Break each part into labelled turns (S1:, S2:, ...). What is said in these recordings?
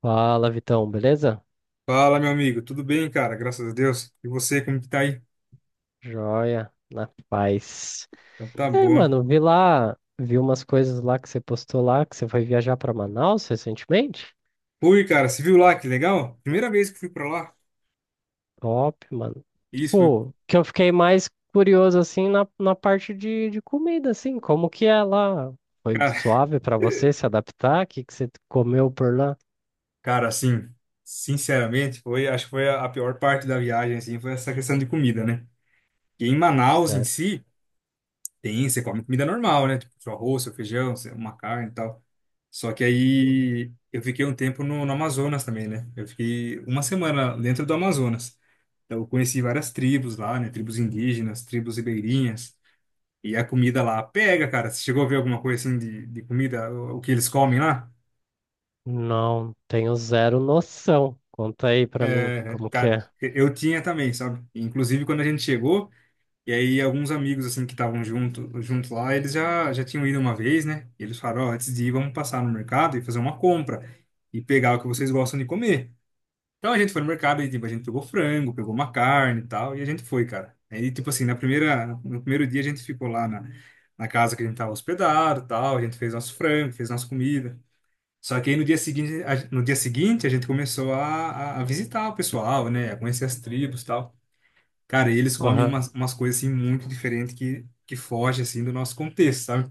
S1: Fala, Vitão, beleza?
S2: Fala, meu amigo. Tudo bem, cara? Graças a Deus. E você, como que tá aí?
S1: Joia, na paz.
S2: Então tá
S1: E aí,
S2: bom.
S1: mano, vi lá, vi umas coisas lá que você postou lá, que você foi viajar pra Manaus recentemente.
S2: Fui, cara. Você viu lá? Que legal. Primeira vez que fui pra lá.
S1: Top, mano.
S2: Isso, fui.
S1: Tipo, que eu fiquei mais curioso, assim, na parte de comida, assim, como que é lá? Foi
S2: Cara,
S1: suave pra você se adaptar? O que que você comeu por lá?
S2: cara, assim, sinceramente, acho que foi a pior parte da viagem, assim, foi essa questão de comida, né? E em Manaus, em
S1: Sério?
S2: si, tem, você come comida normal, né? Tipo, seu arroz, seu feijão, uma carne e tal. Só que aí eu fiquei um tempo no Amazonas também, né? Eu fiquei uma semana dentro do Amazonas. Então eu conheci várias tribos lá, né? Tribos indígenas, tribos ribeirinhas. E a comida lá pega, cara. Você chegou a ver alguma coisa assim de comida, o que eles comem lá?
S1: Não, tenho zero noção. Conta aí pra mim,
S2: É,
S1: como que
S2: cara,
S1: é.
S2: eu tinha também, sabe? Inclusive quando a gente chegou. E aí alguns amigos assim que estavam junto lá, eles já tinham ido uma vez, né? E eles falaram, ó, antes de ir, vamos passar no mercado e fazer uma compra e pegar o que vocês gostam de comer. Então a gente foi no mercado e tipo, a gente pegou frango, pegou uma carne e tal, e a gente foi, cara. Aí tipo assim, na primeira no primeiro dia a gente ficou lá na casa que a gente tava hospedado, e tal, a gente fez nosso frango, fez nossa comida. Só que aí no dia seguinte, no dia seguinte a gente começou a visitar o pessoal, né? A conhecer as tribos, e tal. Cara, e eles comem
S1: Aham.
S2: umas coisas assim muito diferentes que foge assim do nosso contexto, sabe?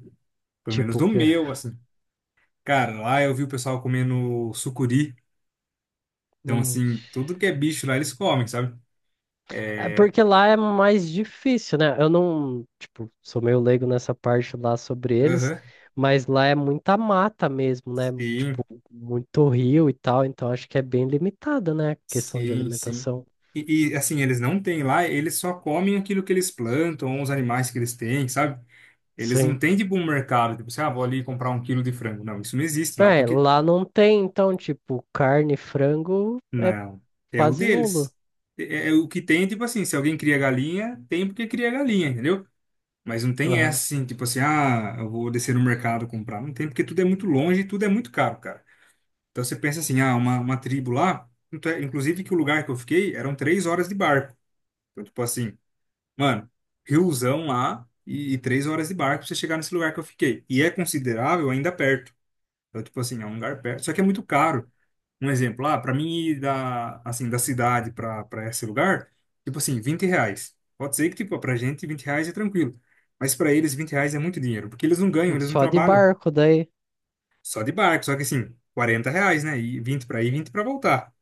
S2: Pelo menos
S1: Tipo o
S2: do
S1: quê?
S2: meu, assim. Cara, lá eu vi o pessoal comendo sucuri. Então,
S1: Ixi.
S2: assim, tudo que é bicho lá eles comem, sabe?
S1: É porque lá é mais difícil, né? Eu não, tipo, sou meio leigo nessa parte lá sobre eles,
S2: Aham.
S1: mas lá é muita mata mesmo, né?
S2: Sim,
S1: Tipo, muito rio e tal, então acho que é bem limitada, né? A questão de
S2: sim, sim.
S1: alimentação.
S2: E, assim, eles não têm lá, eles só comem aquilo que eles plantam, os animais que eles têm, sabe? Eles não
S1: Sim.
S2: têm, tipo, um mercado, tipo, assim, ah, vou ali comprar um quilo de frango. Não, isso não existe lá,
S1: É,
S2: porque.
S1: lá não tem, então, tipo, carne, frango é
S2: Não, é o
S1: quase nulo.
S2: deles. É o que tem, tipo assim, se alguém cria galinha, tem porque cria galinha, entendeu? Mas não tem essa
S1: Aham.
S2: assim, tipo assim, ah, eu vou descer no mercado comprar. Não tem, porque tudo é muito longe e tudo é muito caro, cara. Então você pensa assim, ah, uma tribo lá, inclusive que o lugar que eu fiquei eram 3 horas de barco. Então, tipo assim, mano, riozão lá e 3 horas de barco pra você chegar nesse lugar que eu fiquei. E é considerável ainda perto. Então, tipo assim, é um lugar perto, só que é muito caro um exemplo, ah, para mim ir da, assim, da cidade para esse lugar, tipo assim, R$ 20. Pode ser que, tipo, pra gente R$ 20 é tranquilo. Mas para eles R$ 20 é muito dinheiro, porque eles não ganham, eles não
S1: Só de
S2: trabalham.
S1: barco daí.
S2: Só de barco, só que assim, R$ 40, né? E 20 para ir, 20 para voltar.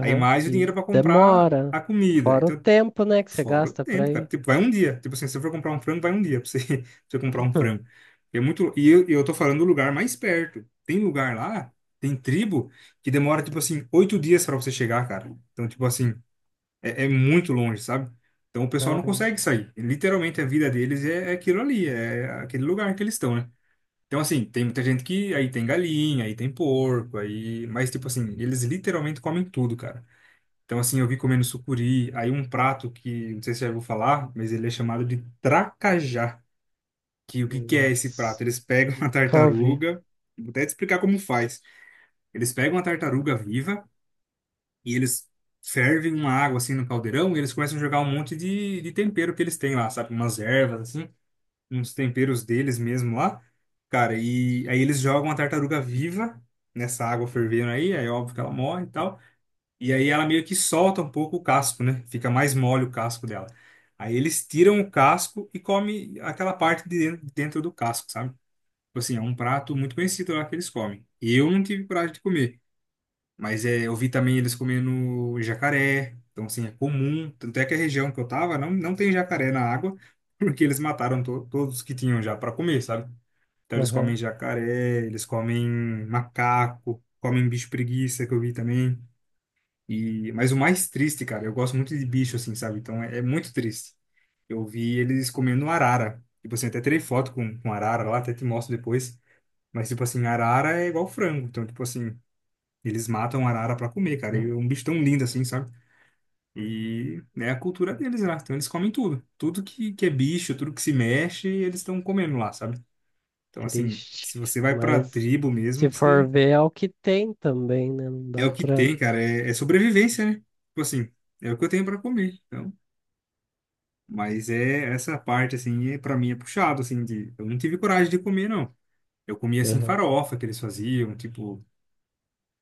S2: Aí mais o dinheiro
S1: E
S2: para comprar
S1: demora.
S2: a comida.
S1: Fora o
S2: Então.
S1: tempo, né, que você
S2: Fora o
S1: gasta pra
S2: tempo, cara.
S1: ir.
S2: Tipo, vai um dia. Tipo assim, se você for comprar um frango, vai um dia pra você, pra você comprar um frango. É muito. E eu tô falando do lugar mais perto. Tem lugar lá, tem tribo, que demora, tipo assim, 8 dias pra você chegar, cara. Então, tipo assim, é muito longe, sabe? Então o pessoal não
S1: Caramba.
S2: consegue sair. Literalmente a vida deles é aquilo ali, é aquele lugar que eles estão, né? Então, assim, tem muita gente que aí tem galinha, aí tem porco, aí. Mas, tipo assim, eles literalmente comem tudo, cara. Então, assim, eu vi comendo sucuri, aí um prato que, não sei se já vou falar, mas ele é chamado de tracajá. Que o que que é esse prato?
S1: Nossa.
S2: Eles pegam a
S1: Calvi.
S2: tartaruga, vou até te explicar como faz. Eles pegam a tartaruga viva e eles fervem uma água assim no caldeirão e eles começam a jogar um monte de tempero que eles têm lá, sabe? Umas ervas, assim, uns temperos deles mesmo lá. Cara, e aí eles jogam a tartaruga viva nessa água fervendo aí, é óbvio que ela morre e tal. E aí ela meio que solta um pouco o casco, né? Fica mais mole o casco dela. Aí eles tiram o casco e comem aquela parte de dentro dentro do casco, sabe? Tipo assim, é um prato muito conhecido lá que eles comem. E eu não tive coragem de comer. Mas é, eu vi também eles comendo jacaré. Então, assim, é comum. Tanto é que a região que eu tava não tem jacaré na água, porque eles mataram to todos que tinham já para comer, sabe? Então, eles comem jacaré, eles comem macaco, comem bicho preguiça, que eu vi também. Mas o mais triste, cara, eu gosto muito de bicho, assim, sabe? Então é muito triste. Eu vi eles comendo arara. Tipo assim, até tirei foto com arara lá, até te mostro depois. Mas, tipo assim, arara é igual frango. Então, tipo assim, eles matam arara pra comer, cara. E é um bicho tão lindo assim, sabe? E é a cultura deles lá. Então, eles comem tudo. Tudo que é bicho, tudo que se mexe, eles estão comendo lá, sabe? Então, assim,
S1: Triste.
S2: se você vai pra
S1: Mas
S2: tribo
S1: se
S2: mesmo,
S1: for
S2: você.
S1: ver, é o que tem também, né? Não
S2: É
S1: dá
S2: o que
S1: pra.
S2: tem, cara. É sobrevivência, né? Tipo assim, é o que eu tenho pra comer. Então. Mas é essa parte, assim, para mim é puxado, assim, eu não tive coragem de comer, não. Eu comia, assim,
S1: Aham.
S2: farofa que eles faziam, tipo,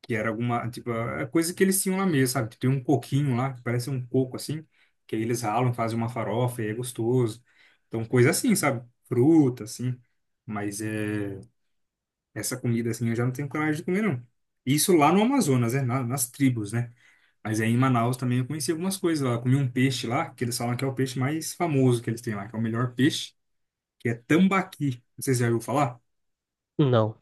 S2: que era alguma, tipo, a coisa que eles tinham lá mesmo, sabe? Tipo, tem um coquinho lá, que parece um coco, assim, que aí eles ralam, fazem uma farofa e é gostoso. Então, coisa assim, sabe? Fruta, assim. Mas essa comida, assim, eu já não tenho coragem de comer, não. Isso lá no Amazonas, né? Nas tribos, né? Mas aí em Manaus também eu conheci algumas coisas lá. Eu comi um peixe lá, que eles falam que é o peixe mais famoso que eles têm lá, que é o melhor peixe que é tambaqui. Não sei se você já ouviu falar.
S1: Não.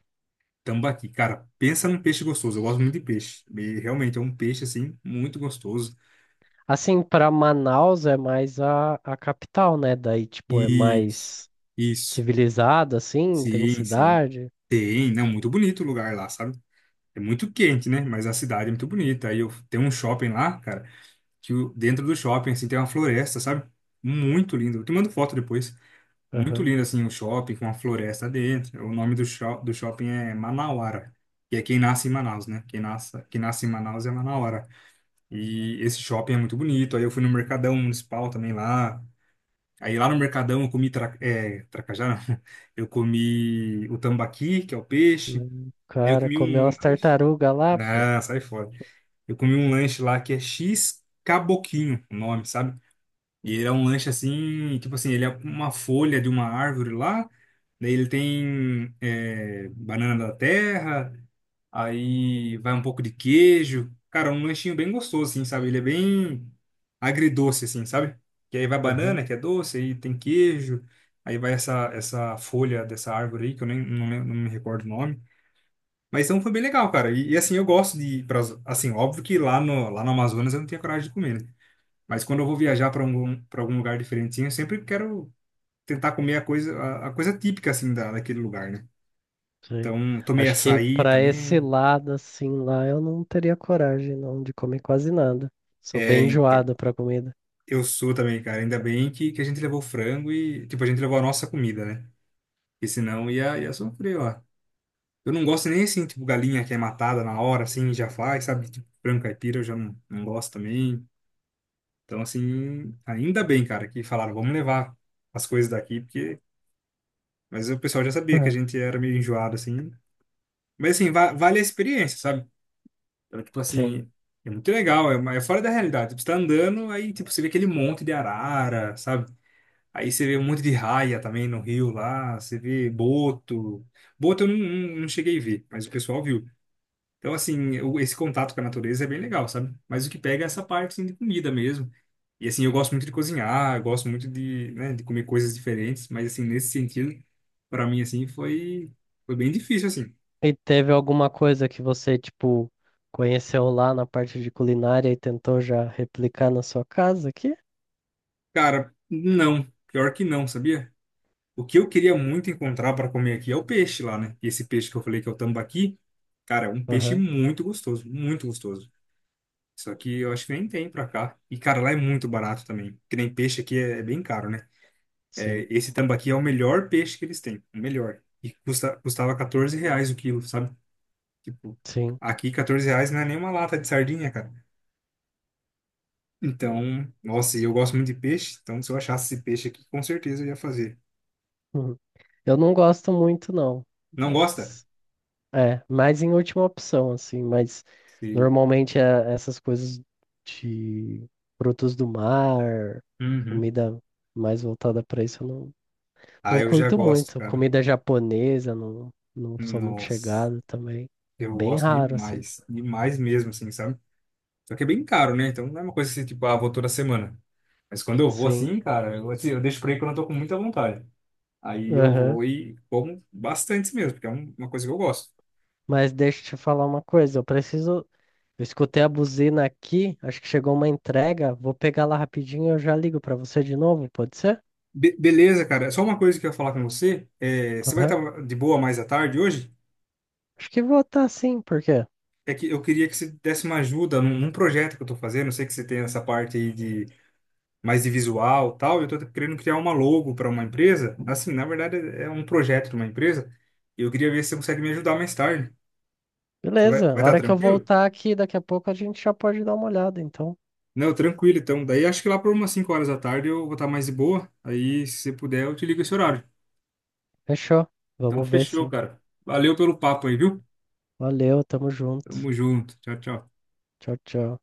S2: Tambaqui, cara, pensa num peixe gostoso. Eu gosto muito de peixe. E realmente é um peixe, assim, muito gostoso.
S1: Assim, pra Manaus é mais a capital, né? Daí, tipo, é
S2: Isso,
S1: mais
S2: isso.
S1: civilizada, assim, tem
S2: Sim, sim.
S1: cidade.
S2: Tem, não, muito bonito o lugar lá, sabe? É muito quente, né? Mas a cidade é muito bonita. Aí eu tem um shopping lá, cara, que dentro do shopping, assim, tem uma floresta, sabe? Muito lindo. Eu te mando foto depois. Muito
S1: Aham.
S2: lindo, assim, o shopping com uma floresta dentro. O nome do shopping é Manauara, que é quem nasce em Manaus, né? Quem nasce em Manaus é Manauara. E esse shopping é muito bonito. Aí eu fui no Mercadão Municipal também lá. Aí lá no Mercadão eu comi tracajá, não. Eu comi o tambaqui, que é o peixe.
S1: O
S2: Aí eu
S1: cara
S2: comi
S1: comeu
S2: um
S1: as
S2: lanche.
S1: tartarugas lá, pô.
S2: Ah, sai fora. Eu comi um lanche lá que é X Caboquinho, o nome, sabe? E ele é um lanche assim, tipo assim, ele é uma folha de uma árvore lá. Daí ele tem banana da terra, aí vai um pouco de queijo. Cara, um lanchinho bem gostoso, assim, sabe? Ele é bem agridoce, assim, sabe? Que aí vai
S1: Aham.
S2: banana, que é doce, aí tem queijo. Aí vai essa folha dessa árvore aí, que eu nem não, não me recordo o nome. Mas então foi bem legal, cara. E, assim, eu gosto de ir assim, óbvio que lá no Amazonas eu não tinha coragem de comer, né? Mas quando eu vou viajar para algum lugar diferentinho, eu sempre quero tentar comer a coisa, a coisa típica, assim, daquele lugar, né?
S1: Sim.
S2: Então, tomei
S1: Acho que
S2: açaí
S1: pra esse
S2: também.
S1: lado, assim, lá eu não teria coragem, não, de comer quase nada. Sou
S2: É,
S1: bem
S2: então.
S1: enjoado pra comida.
S2: Eu sou também, cara. Ainda bem que a gente levou frango e, tipo, a gente levou a nossa comida, né? Porque senão ia sofrer ó. Eu não gosto nem assim, tipo, galinha que é matada na hora, assim, já faz, sabe? Tipo, frango caipira eu já não gosto também. Então, assim, ainda bem, cara, que falaram, vamos levar as coisas daqui, porque. Mas o pessoal já sabia que a
S1: Aham.
S2: gente era meio enjoado, assim. Mas, assim, va vale a experiência, sabe? Então, tipo,
S1: Sim.
S2: assim, é muito legal, é fora da realidade. Tipo, você tá andando, aí, tipo, você vê aquele monte de arara, sabe? Aí você vê um monte de raia também no rio lá, você vê boto. Boto eu não cheguei a ver, mas o pessoal viu. Então, assim, esse contato com a natureza é bem legal, sabe? Mas o que pega é essa parte, assim, de comida mesmo. E, assim, eu gosto muito de cozinhar, eu gosto muito né, de comer coisas diferentes, mas, assim, nesse sentido, para mim, assim, foi bem difícil, assim.
S1: E teve alguma coisa que você, tipo, conheceu lá na parte de culinária e tentou já replicar na sua casa aqui?
S2: Cara, não, pior que não, sabia? O que eu queria muito encontrar para comer aqui é o peixe lá, né? E esse peixe que eu falei que é o tambaqui, cara, é um peixe
S1: Aham.
S2: muito gostoso, muito gostoso. Só que eu acho que nem tem pra cá. E, cara, lá é muito barato também. Que nem peixe aqui é bem caro, né?
S1: Sim,
S2: É, esse tambaqui é o melhor peixe que eles têm. O melhor. E custava R$ 14 o quilo, sabe? Tipo,
S1: sim.
S2: aqui R$ 14 não é nem uma lata de sardinha, cara. Então, nossa, e eu gosto muito de peixe. Então, se eu achasse esse peixe aqui, com certeza eu ia fazer.
S1: Uhum. Eu não gosto muito, não,
S2: Não gosta?
S1: mas é, mais em última opção, assim, mas
S2: Sim.
S1: normalmente é essas coisas de frutos do mar,
S2: Uhum.
S1: comida mais voltada para isso, eu não,
S2: Ah,
S1: não
S2: eu já
S1: curto
S2: gosto,
S1: muito.
S2: cara.
S1: Comida japonesa, não, não sou muito
S2: Nossa,
S1: chegado também.
S2: eu
S1: Bem
S2: gosto
S1: raro, assim.
S2: demais. Demais mesmo, assim, sabe? Só que é bem caro, né? Então não é uma coisa assim, tipo, ah, vou toda semana. Mas quando eu vou
S1: Sim.
S2: assim, cara, eu deixo pra ir quando eu tô com muita vontade. Aí eu
S1: Aham.
S2: vou e como bastante mesmo, porque é uma coisa que eu gosto.
S1: Mas deixa eu te falar uma coisa, eu preciso. Eu escutei a buzina aqui, acho que chegou uma entrega. Vou pegar lá rapidinho e eu já ligo pra você de novo, pode ser?
S2: Beleza, cara. Só uma coisa que eu ia falar com você. É, você vai
S1: Aham.
S2: estar de boa mais à tarde hoje?
S1: Acho que vou tá sim, por quê?
S2: É que eu queria que você desse uma ajuda num projeto que eu tô fazendo. Eu sei que você tem essa parte aí de mais de visual e tal. Eu tô querendo criar uma logo para uma empresa. Assim, na verdade, é um projeto de uma empresa. E eu queria ver se você consegue me ajudar mais tarde. Você vai,
S1: Beleza, a
S2: vai estar
S1: hora que eu
S2: tranquilo?
S1: voltar aqui, daqui a pouco a gente já pode dar uma olhada, então.
S2: Não, tranquilo então. Daí acho que lá por umas 5 horas da tarde eu vou estar mais de boa. Aí, se você puder, eu te ligo esse horário.
S1: Fechou.
S2: Então,
S1: Vamos ver
S2: fechou,
S1: sim.
S2: cara. Valeu pelo papo aí, viu?
S1: Valeu, tamo junto.
S2: Tamo junto. Tchau, tchau.
S1: Tchau, tchau.